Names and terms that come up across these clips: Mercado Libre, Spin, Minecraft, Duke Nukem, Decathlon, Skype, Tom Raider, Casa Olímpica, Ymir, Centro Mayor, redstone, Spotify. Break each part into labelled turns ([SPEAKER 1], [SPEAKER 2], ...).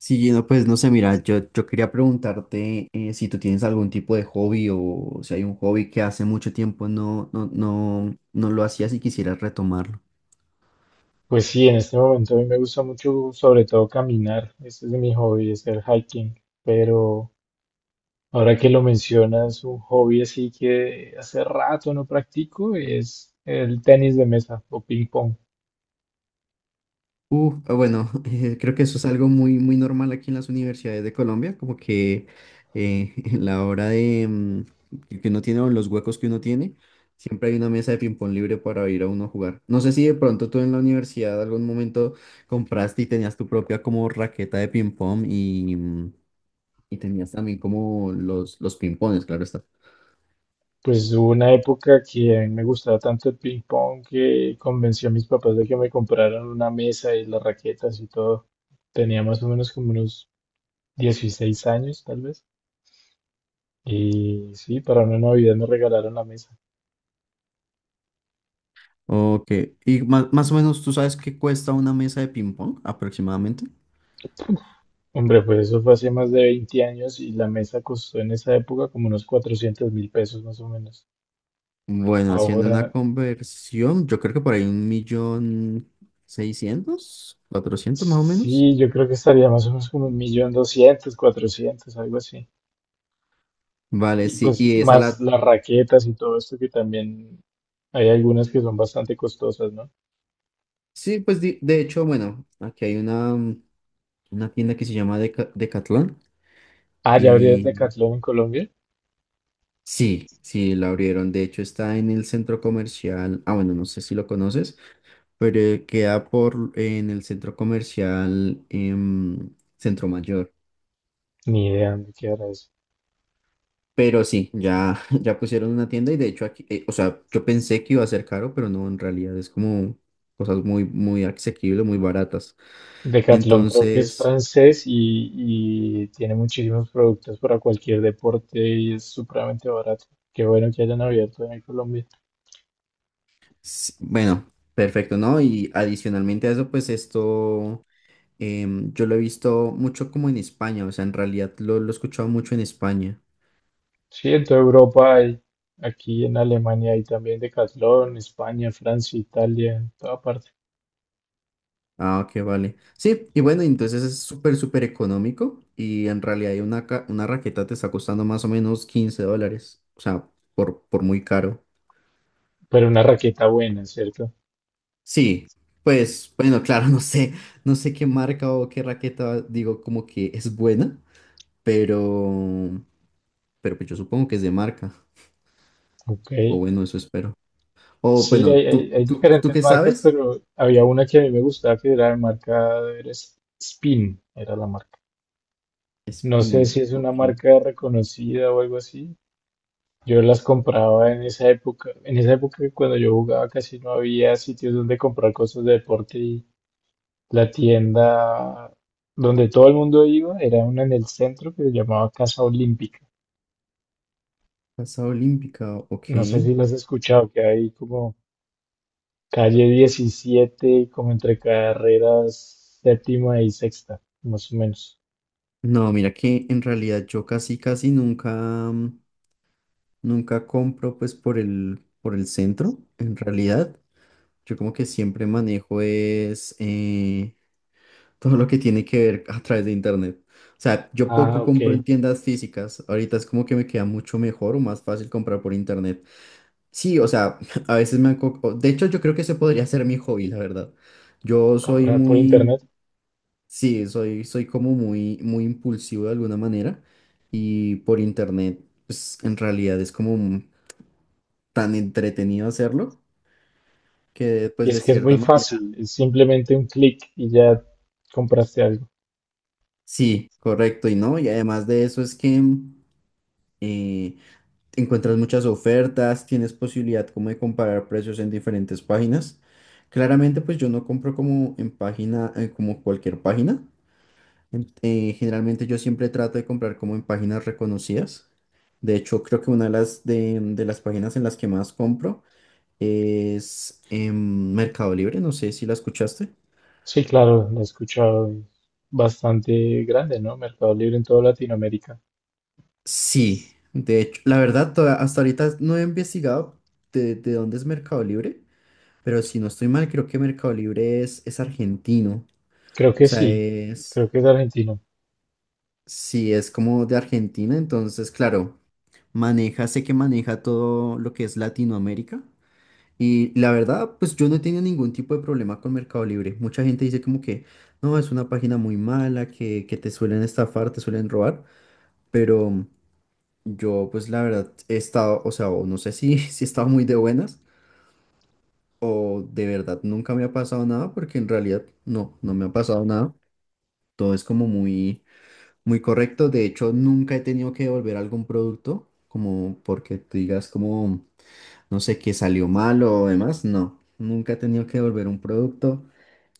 [SPEAKER 1] Sí, no, pues no sé, mira, yo quería preguntarte si tú tienes algún tipo de hobby o si hay un hobby que hace mucho tiempo no lo hacías y quisieras retomarlo.
[SPEAKER 2] Pues sí, en este momento a mí me gusta mucho, sobre todo caminar. Este es mi hobby, hacer hiking. Pero ahora que lo mencionas, un hobby así que hace rato no practico es el tenis de mesa o ping pong.
[SPEAKER 1] Bueno, creo que eso es algo muy, muy normal aquí en las universidades de Colombia, como que en la hora de que uno tiene o en los huecos que uno tiene, siempre hay una mesa de ping-pong libre para ir a uno a jugar. No sé si de pronto tú en la universidad algún momento compraste y tenías tu propia como raqueta de ping-pong y tenías también como los pimpones, claro está.
[SPEAKER 2] Pues hubo una época que a mí me gustaba tanto el ping pong que convencí a mis papás de que me compraran una mesa y las raquetas y todo. Tenía más o menos como unos 16 años, tal vez. Y sí, para una Navidad me regalaron la mesa.
[SPEAKER 1] Ok. ¿Y más o menos tú sabes qué cuesta una mesa de ping-pong aproximadamente?
[SPEAKER 2] Hombre, pues eso fue hace más de 20 años y la mesa costó en esa época como unos 400.000 pesos más o menos.
[SPEAKER 1] Bueno, haciendo una
[SPEAKER 2] Ahora,
[SPEAKER 1] conversión, yo creo que por ahí un millón seiscientos, cuatrocientos más o menos.
[SPEAKER 2] sí, yo creo que estaría más o menos como 1.200.000, 400.000, algo así.
[SPEAKER 1] Vale,
[SPEAKER 2] Y
[SPEAKER 1] sí,
[SPEAKER 2] pues
[SPEAKER 1] y esa la.
[SPEAKER 2] más las raquetas y todo esto que también hay algunas que son bastante costosas, ¿no?
[SPEAKER 1] Sí, pues de hecho, bueno, aquí hay una tienda que se llama Decathlon
[SPEAKER 2] Ah, ¿ya abrieron
[SPEAKER 1] y
[SPEAKER 2] Decathlon en Colombia?
[SPEAKER 1] sí, sí, la abrieron. De hecho, está en el centro comercial. Ah, bueno, no sé si lo conoces, pero queda por en el centro comercial Centro Mayor.
[SPEAKER 2] Ni idea dónde quedará eso.
[SPEAKER 1] Pero sí, ya, ya pusieron una tienda y de hecho aquí, o sea, yo pensé que iba a ser caro, pero no, en realidad es como cosas muy, muy asequibles, muy baratas.
[SPEAKER 2] Decathlon creo que es
[SPEAKER 1] Entonces,
[SPEAKER 2] francés y tiene muchísimos productos para cualquier deporte y es supremamente barato. Qué bueno que hayan abierto en Colombia.
[SPEAKER 1] bueno, perfecto, ¿no? Y adicionalmente a eso, pues esto yo lo he visto mucho como en España, o sea, en realidad lo he escuchado mucho en España.
[SPEAKER 2] Sí, en toda Europa hay, aquí en Alemania hay también Decathlon, España, Francia, Italia, en toda parte.
[SPEAKER 1] Ah, ok, vale. Sí, y bueno, entonces es súper, súper económico y en realidad hay una raqueta te está costando más o menos 15 dólares, o sea, por muy caro.
[SPEAKER 2] Pero una raqueta buena, ¿cierto?
[SPEAKER 1] Sí, pues bueno, claro, no sé qué marca o qué raqueta digo como que es buena, pero, pero pues yo supongo que es de marca,
[SPEAKER 2] Ok.
[SPEAKER 1] o bueno, eso espero. O
[SPEAKER 2] Sí,
[SPEAKER 1] bueno,
[SPEAKER 2] hay,
[SPEAKER 1] ¿tú,
[SPEAKER 2] hay- hay
[SPEAKER 1] tú, tú
[SPEAKER 2] diferentes
[SPEAKER 1] qué
[SPEAKER 2] marcas,
[SPEAKER 1] sabes?
[SPEAKER 2] pero había una que a mí me gustaba que era de marca, era Spin, era la marca. No sé
[SPEAKER 1] Spin,
[SPEAKER 2] si es una
[SPEAKER 1] ok.
[SPEAKER 2] marca reconocida o algo así. Yo las compraba en esa época. En esa época cuando yo jugaba casi no había sitios donde comprar cosas de deporte y la tienda donde todo el mundo iba era una en el centro que se llamaba Casa Olímpica.
[SPEAKER 1] Casa Olímpica,
[SPEAKER 2] No sé
[SPEAKER 1] ok.
[SPEAKER 2] si las has escuchado, que hay como calle 17, como entre carreras séptima y sexta, más o menos.
[SPEAKER 1] No, mira que en realidad yo casi, casi nunca, nunca compro pues por el centro, en realidad. Yo como que siempre manejo es todo lo que tiene que ver a través de internet. O sea, yo
[SPEAKER 2] Ah,
[SPEAKER 1] poco
[SPEAKER 2] ok.
[SPEAKER 1] compro en tiendas físicas. Ahorita es como que me queda mucho mejor o más fácil comprar por internet. Sí, o sea, a veces me han. De hecho, yo creo que ese podría ser mi hobby, la verdad. Yo soy
[SPEAKER 2] Comprar por
[SPEAKER 1] muy.
[SPEAKER 2] internet.
[SPEAKER 1] Sí, soy como muy, muy impulsivo de alguna manera y por internet, pues en realidad es como tan entretenido hacerlo que
[SPEAKER 2] Y
[SPEAKER 1] pues
[SPEAKER 2] es
[SPEAKER 1] de
[SPEAKER 2] que es
[SPEAKER 1] cierta
[SPEAKER 2] muy
[SPEAKER 1] manera
[SPEAKER 2] fácil, es simplemente un clic y ya compraste algo.
[SPEAKER 1] sí, correcto y no, y además de eso es que eh, encuentras muchas ofertas, tienes posibilidad como de comparar precios en diferentes páginas. Claramente pues yo no compro como en página, como cualquier página. Generalmente yo siempre trato de comprar como en páginas reconocidas. De hecho, creo que una de las páginas en las que más compro es Mercado Libre, no sé si la escuchaste.
[SPEAKER 2] Sí, claro, lo he escuchado. Es bastante grande, ¿no? Mercado Libre en toda Latinoamérica.
[SPEAKER 1] Sí, de hecho, la verdad, hasta ahorita no he investigado de dónde es Mercado Libre, pero si no estoy mal, creo que Mercado Libre es argentino.
[SPEAKER 2] Creo
[SPEAKER 1] O
[SPEAKER 2] que
[SPEAKER 1] sea,
[SPEAKER 2] sí.
[SPEAKER 1] es,
[SPEAKER 2] Creo que es argentino.
[SPEAKER 1] sí, es como de Argentina, entonces, claro, maneja, sé que maneja todo lo que es Latinoamérica. Y la verdad, pues yo no he tenido ningún tipo de problema con Mercado Libre. Mucha gente dice como que, no, es una página muy mala, que te suelen estafar, te suelen robar, pero. Yo, pues la verdad, he estado, o sea, o no sé si, si he estado muy de buenas o de verdad nunca me ha pasado nada, porque en realidad no me ha pasado nada. Todo es como muy, muy correcto. De hecho, nunca he tenido que devolver algún producto, como porque tú digas como, no sé, que salió mal o demás. No, nunca he tenido que devolver un producto.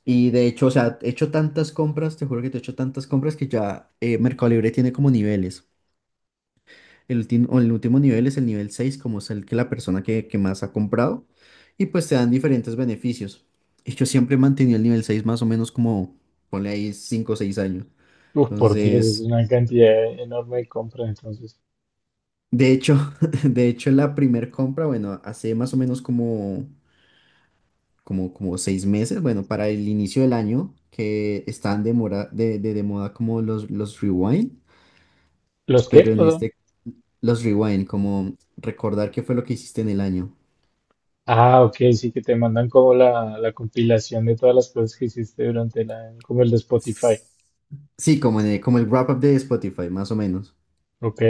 [SPEAKER 1] Y de hecho, o sea, he hecho tantas compras, te juro que te he hecho tantas compras que ya Mercado Libre tiene como niveles. El último nivel es el nivel 6 como es el que la persona que más ha comprado, y pues te dan diferentes beneficios. Y yo siempre he mantenido el nivel seis más o menos como, ponle ahí 5 o 6 años.
[SPEAKER 2] Uf, por Dios, es
[SPEAKER 1] Entonces,
[SPEAKER 2] una cantidad enorme de compras, entonces.
[SPEAKER 1] de hecho, de hecho la primer compra, bueno, hace más o menos como 6 meses, bueno, para el inicio del año, que están de, mora- de moda como los rewind,
[SPEAKER 2] ¿Los qué,
[SPEAKER 1] pero en
[SPEAKER 2] perdón?
[SPEAKER 1] este, los rewind, como recordar qué fue lo que hiciste en el año.
[SPEAKER 2] Ah, ok, sí, que te mandan como la compilación de todas las cosas que hiciste durante la, como el de Spotify.
[SPEAKER 1] Sí, como, en el, como el wrap-up de Spotify, más o menos.
[SPEAKER 2] Ok.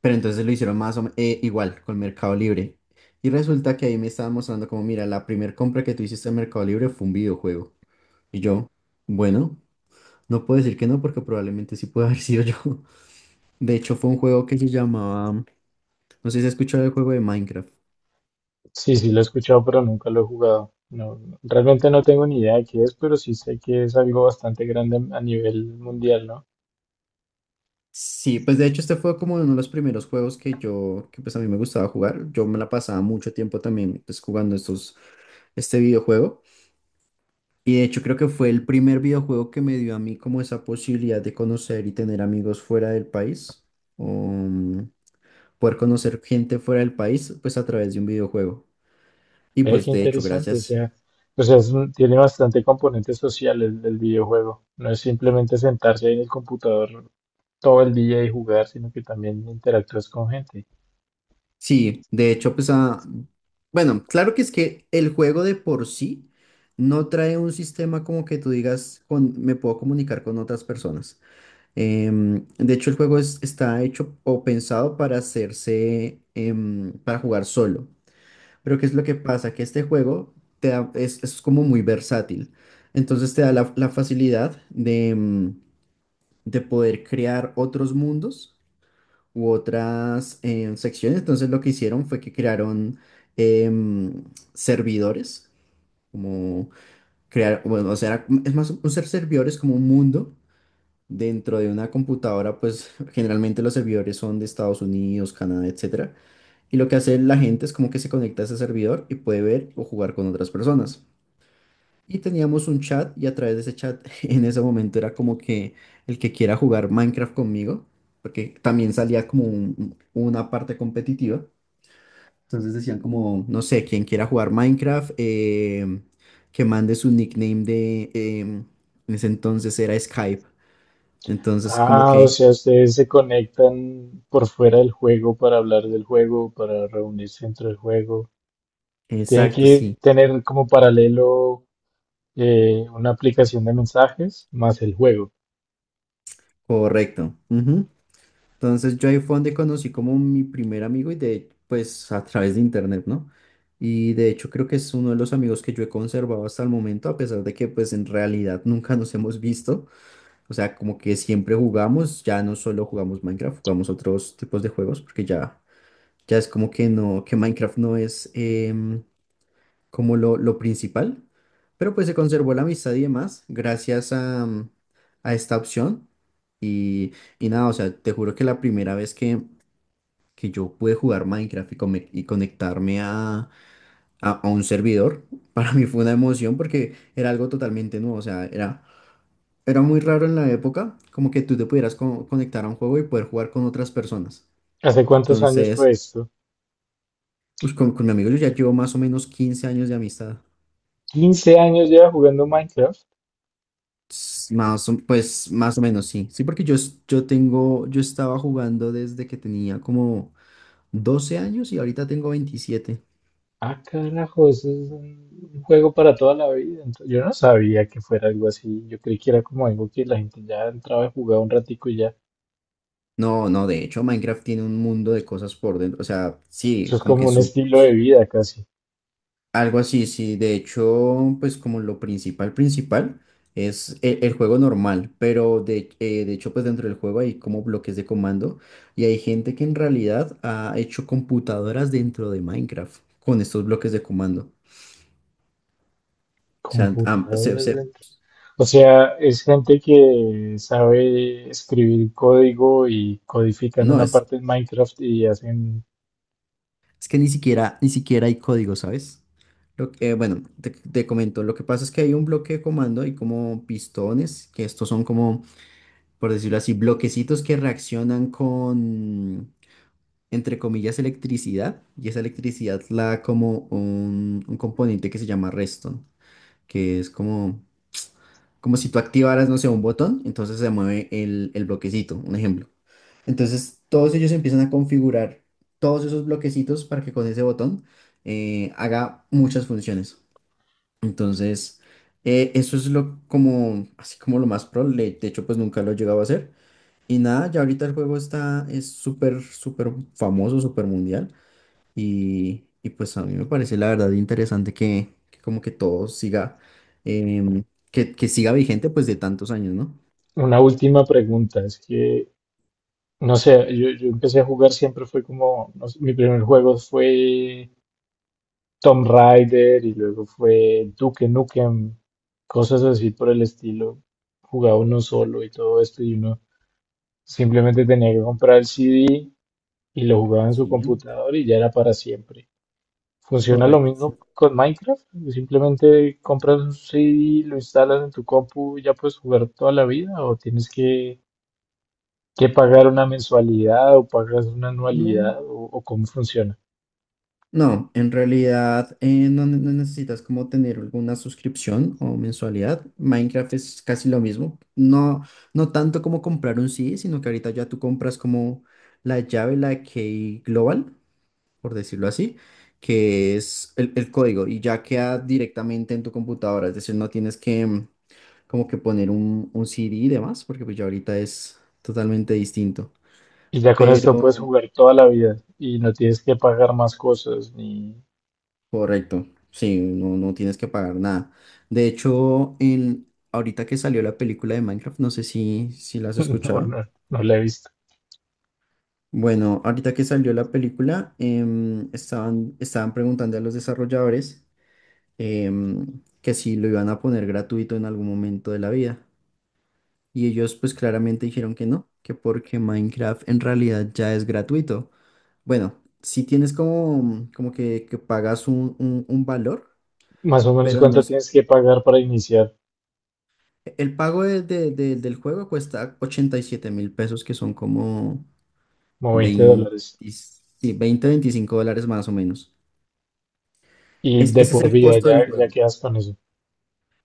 [SPEAKER 1] Pero entonces lo hicieron más o igual con Mercado Libre. Y resulta que ahí me estaban mostrando como, mira, la primera compra que tú hiciste en Mercado Libre fue un videojuego. Y yo, bueno, no puedo decir que no porque probablemente sí puede haber sido yo. De hecho, fue un juego que se llamaba, no sé si has escuchado el juego de Minecraft.
[SPEAKER 2] Sí, sí, lo he escuchado, pero nunca lo he jugado. No, realmente no tengo ni idea de qué es, pero sí sé que es algo bastante grande a nivel mundial, ¿no?
[SPEAKER 1] Sí, pues de hecho este fue como uno de los primeros juegos que yo, que pues a mí me gustaba jugar. Yo me la pasaba mucho tiempo también pues jugando este videojuego. Y de hecho creo que fue el primer videojuego que me dio a mí como esa posibilidad de conocer y tener amigos fuera del país, um, poder conocer gente fuera del país, pues a través de un videojuego. Y
[SPEAKER 2] Ve
[SPEAKER 1] pues
[SPEAKER 2] qué
[SPEAKER 1] de hecho,
[SPEAKER 2] interesante,
[SPEAKER 1] gracias.
[SPEAKER 2] o sea, tiene bastante componente social el videojuego. No es simplemente sentarse ahí en el computador todo el día y jugar, sino que también interactúas con gente.
[SPEAKER 1] Sí, de hecho, pues a. Bueno, claro que es que el juego de por sí no trae un sistema como que tú digas, con, me puedo comunicar con otras personas. De hecho, el juego está hecho o pensado para hacerse, para jugar solo. Pero ¿qué es lo que pasa? Que este juego es como muy versátil. Entonces te da la facilidad de poder crear otros mundos u otras secciones. Entonces lo que hicieron fue que crearon em, servidores, como crear, bueno, o sea, era como es más, un servidor es como un mundo dentro de una computadora, pues generalmente los servidores son de Estados Unidos, Canadá, etcétera y lo que hace la gente es como que se conecta a ese servidor y puede ver o jugar con otras personas. Y teníamos un chat y a través de ese chat en ese momento era como que el que quiera jugar Minecraft conmigo, porque también salía como una parte competitiva. Entonces decían como, no sé, quien quiera jugar Minecraft, que mande su nickname de en ese entonces era Skype. Entonces como
[SPEAKER 2] Ah, o
[SPEAKER 1] que,
[SPEAKER 2] sea, ustedes se conectan por fuera del juego para hablar del juego, para reunirse dentro del juego. Tienen
[SPEAKER 1] exacto, sí,
[SPEAKER 2] que tener como paralelo una aplicación de mensajes más el juego.
[SPEAKER 1] correcto. Entonces yo ahí fue donde conocí como mi primer amigo y de, pues a través de internet, ¿no? Y de hecho creo que es uno de los amigos que yo he conservado hasta el momento, a pesar de que pues en realidad nunca nos hemos visto. O sea, como que siempre jugamos, ya no solo jugamos Minecraft, jugamos otros tipos de juegos, porque ya es como que no, que Minecraft no es como lo principal. Pero pues se conservó la amistad y demás gracias a esta opción. Y, y nada, o sea, te juro que la primera vez que yo pude jugar Minecraft y conectarme a un servidor, para mí fue una emoción porque era algo totalmente nuevo, o sea, era muy raro en la época como que tú te pudieras conectar a un juego y poder jugar con otras personas.
[SPEAKER 2] ¿Hace cuántos años fue
[SPEAKER 1] Entonces,
[SPEAKER 2] esto?
[SPEAKER 1] con mi amigo yo ya llevo más o menos 15 años de amistad.
[SPEAKER 2] 15 años lleva jugando Minecraft.
[SPEAKER 1] Pues más o menos sí, sí, porque yo, es- yo tengo, yo estaba jugando desde que tenía como 12 años y ahorita tengo 27.
[SPEAKER 2] Ah, carajo, eso es un juego para toda la vida. Yo no sabía que fuera algo así. Yo creí que era como algo que la gente ya entraba y jugaba un ratico y ya.
[SPEAKER 1] No, no, de hecho Minecraft tiene un mundo de cosas por dentro, o sea, sí,
[SPEAKER 2] Eso es
[SPEAKER 1] como que
[SPEAKER 2] como un
[SPEAKER 1] su
[SPEAKER 2] estilo de vida casi.
[SPEAKER 1] algo así, sí, de hecho, pues como lo principal, principal es el juego normal, pero de hecho, pues dentro del juego hay como bloques de comando y hay gente que en realidad ha hecho computadoras dentro de Minecraft con estos bloques de comando. O sea,
[SPEAKER 2] Computadoras dentro. O sea, es gente que sabe escribir código y codifican
[SPEAKER 1] no,
[SPEAKER 2] una parte en Minecraft y hacen
[SPEAKER 1] es que ni siquiera, ni siquiera hay código, ¿sabes? Bueno, te comento, lo que pasa es que hay un bloque de comando y como pistones, que estos son como, por decirlo así, bloquecitos que reaccionan con, entre comillas, electricidad, y esa electricidad la da como un componente que se llama redstone, que es como si tú activaras, no sé, un botón, entonces se mueve el bloquecito, un ejemplo. Entonces, todos ellos empiezan a configurar todos esos bloquecitos para que con ese botón haga muchas funciones. Entonces, eso es lo como, así como lo más pro. De hecho, pues nunca lo he llegado a hacer. Y nada, ya ahorita el juego está, es súper, súper famoso, súper mundial. Y pues a mí me parece la verdad interesante que como que todo siga, em, que siga vigente pues de tantos años, ¿no?
[SPEAKER 2] una última pregunta. Es que, no sé, yo empecé a jugar, siempre fue como, no sé, mi primer juego fue Tom Raider y luego fue Duke Nukem, cosas así por el estilo. Jugaba uno solo y todo esto y uno simplemente tenía que comprar el CD y lo jugaba en su
[SPEAKER 1] Sí,
[SPEAKER 2] computador y ya era para siempre. Funciona lo
[SPEAKER 1] correcto.
[SPEAKER 2] mismo
[SPEAKER 1] Sí.
[SPEAKER 2] con Minecraft, simplemente compras un CD, lo instalas en tu compu y ya puedes jugar toda la vida o tienes que pagar una mensualidad o pagas una
[SPEAKER 1] No,
[SPEAKER 2] anualidad o cómo funciona.
[SPEAKER 1] no, en realidad no necesitas como tener alguna suscripción o mensualidad. Minecraft es casi lo mismo. No, no tanto como comprar un CD, sino que ahorita ya tú compras como la llave, la key global, por decirlo así, que es el código y ya queda directamente en tu computadora. Es decir, no tienes que como que poner un CD y demás, porque pues ya ahorita es totalmente distinto.
[SPEAKER 2] Y ya con esto puedes
[SPEAKER 1] Pero
[SPEAKER 2] jugar toda la vida y no tienes que pagar más cosas, ni...
[SPEAKER 1] correcto, sí, no, no tienes que pagar nada. De hecho, ahorita que salió la película de Minecraft, no sé si la has
[SPEAKER 2] No,
[SPEAKER 1] escuchado.
[SPEAKER 2] no, no la he visto.
[SPEAKER 1] Bueno, ahorita que salió la película, estaban preguntando a los desarrolladores que si lo iban a poner gratuito en algún momento de la vida. Y ellos pues claramente dijeron que no, que porque Minecraft en realidad ya es gratuito. Bueno, si tienes como que que, pagas un valor,
[SPEAKER 2] Más o menos
[SPEAKER 1] pero no
[SPEAKER 2] cuánto
[SPEAKER 1] es.
[SPEAKER 2] tienes que pagar para iniciar,
[SPEAKER 1] El pago del juego cuesta 87.000 pesos, que son como
[SPEAKER 2] como 20
[SPEAKER 1] 20
[SPEAKER 2] dólares.
[SPEAKER 1] sí, 20 25 dólares más o menos.
[SPEAKER 2] Y de
[SPEAKER 1] Ese es
[SPEAKER 2] por
[SPEAKER 1] el
[SPEAKER 2] vida
[SPEAKER 1] costo del
[SPEAKER 2] ya, ya
[SPEAKER 1] juego.
[SPEAKER 2] quedas con eso.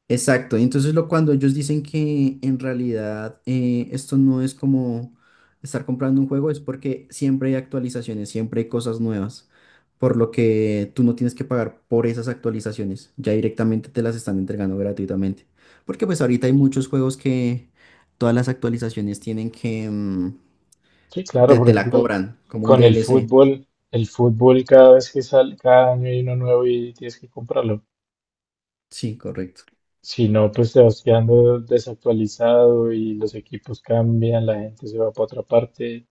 [SPEAKER 1] Exacto, y entonces lo cuando ellos dicen que en realidad esto no es como estar comprando un juego, es porque siempre hay actualizaciones, siempre hay cosas nuevas, por lo que tú no tienes que pagar por esas actualizaciones, ya directamente te las están entregando gratuitamente. Porque pues ahorita hay muchos juegos que todas las actualizaciones tienen que,
[SPEAKER 2] Sí, claro,
[SPEAKER 1] te,
[SPEAKER 2] por
[SPEAKER 1] te la
[SPEAKER 2] ejemplo,
[SPEAKER 1] cobran como un
[SPEAKER 2] con
[SPEAKER 1] DLC.
[SPEAKER 2] el fútbol cada vez que sale, cada año hay uno nuevo y tienes que comprarlo.
[SPEAKER 1] Sí, correcto.
[SPEAKER 2] Si no, pues te vas quedando desactualizado y los equipos cambian, la gente se va para otra parte.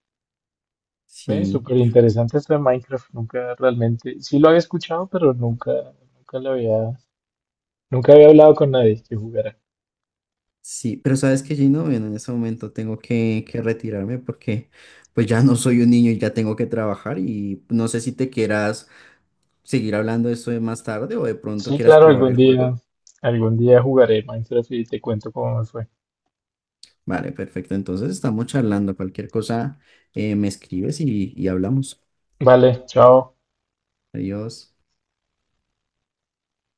[SPEAKER 2] Ve,
[SPEAKER 1] Sí.
[SPEAKER 2] súper interesante esto de Minecraft. Nunca realmente, sí lo había escuchado, pero nunca, nunca lo había, nunca había hablado con nadie que jugara.
[SPEAKER 1] Sí, pero sabes que Gino, bueno, en ese momento tengo que retirarme porque pues ya no soy un niño y ya tengo que trabajar y no sé si te quieras seguir hablando de esto de más tarde o de pronto
[SPEAKER 2] Sí,
[SPEAKER 1] quieras
[SPEAKER 2] claro,
[SPEAKER 1] probar el juego.
[SPEAKER 2] algún día jugaré Minecraft y te cuento cómo me fue.
[SPEAKER 1] Vale, perfecto. Entonces estamos charlando. Cualquier cosa me escribes y hablamos.
[SPEAKER 2] Vale, chao.
[SPEAKER 1] Adiós.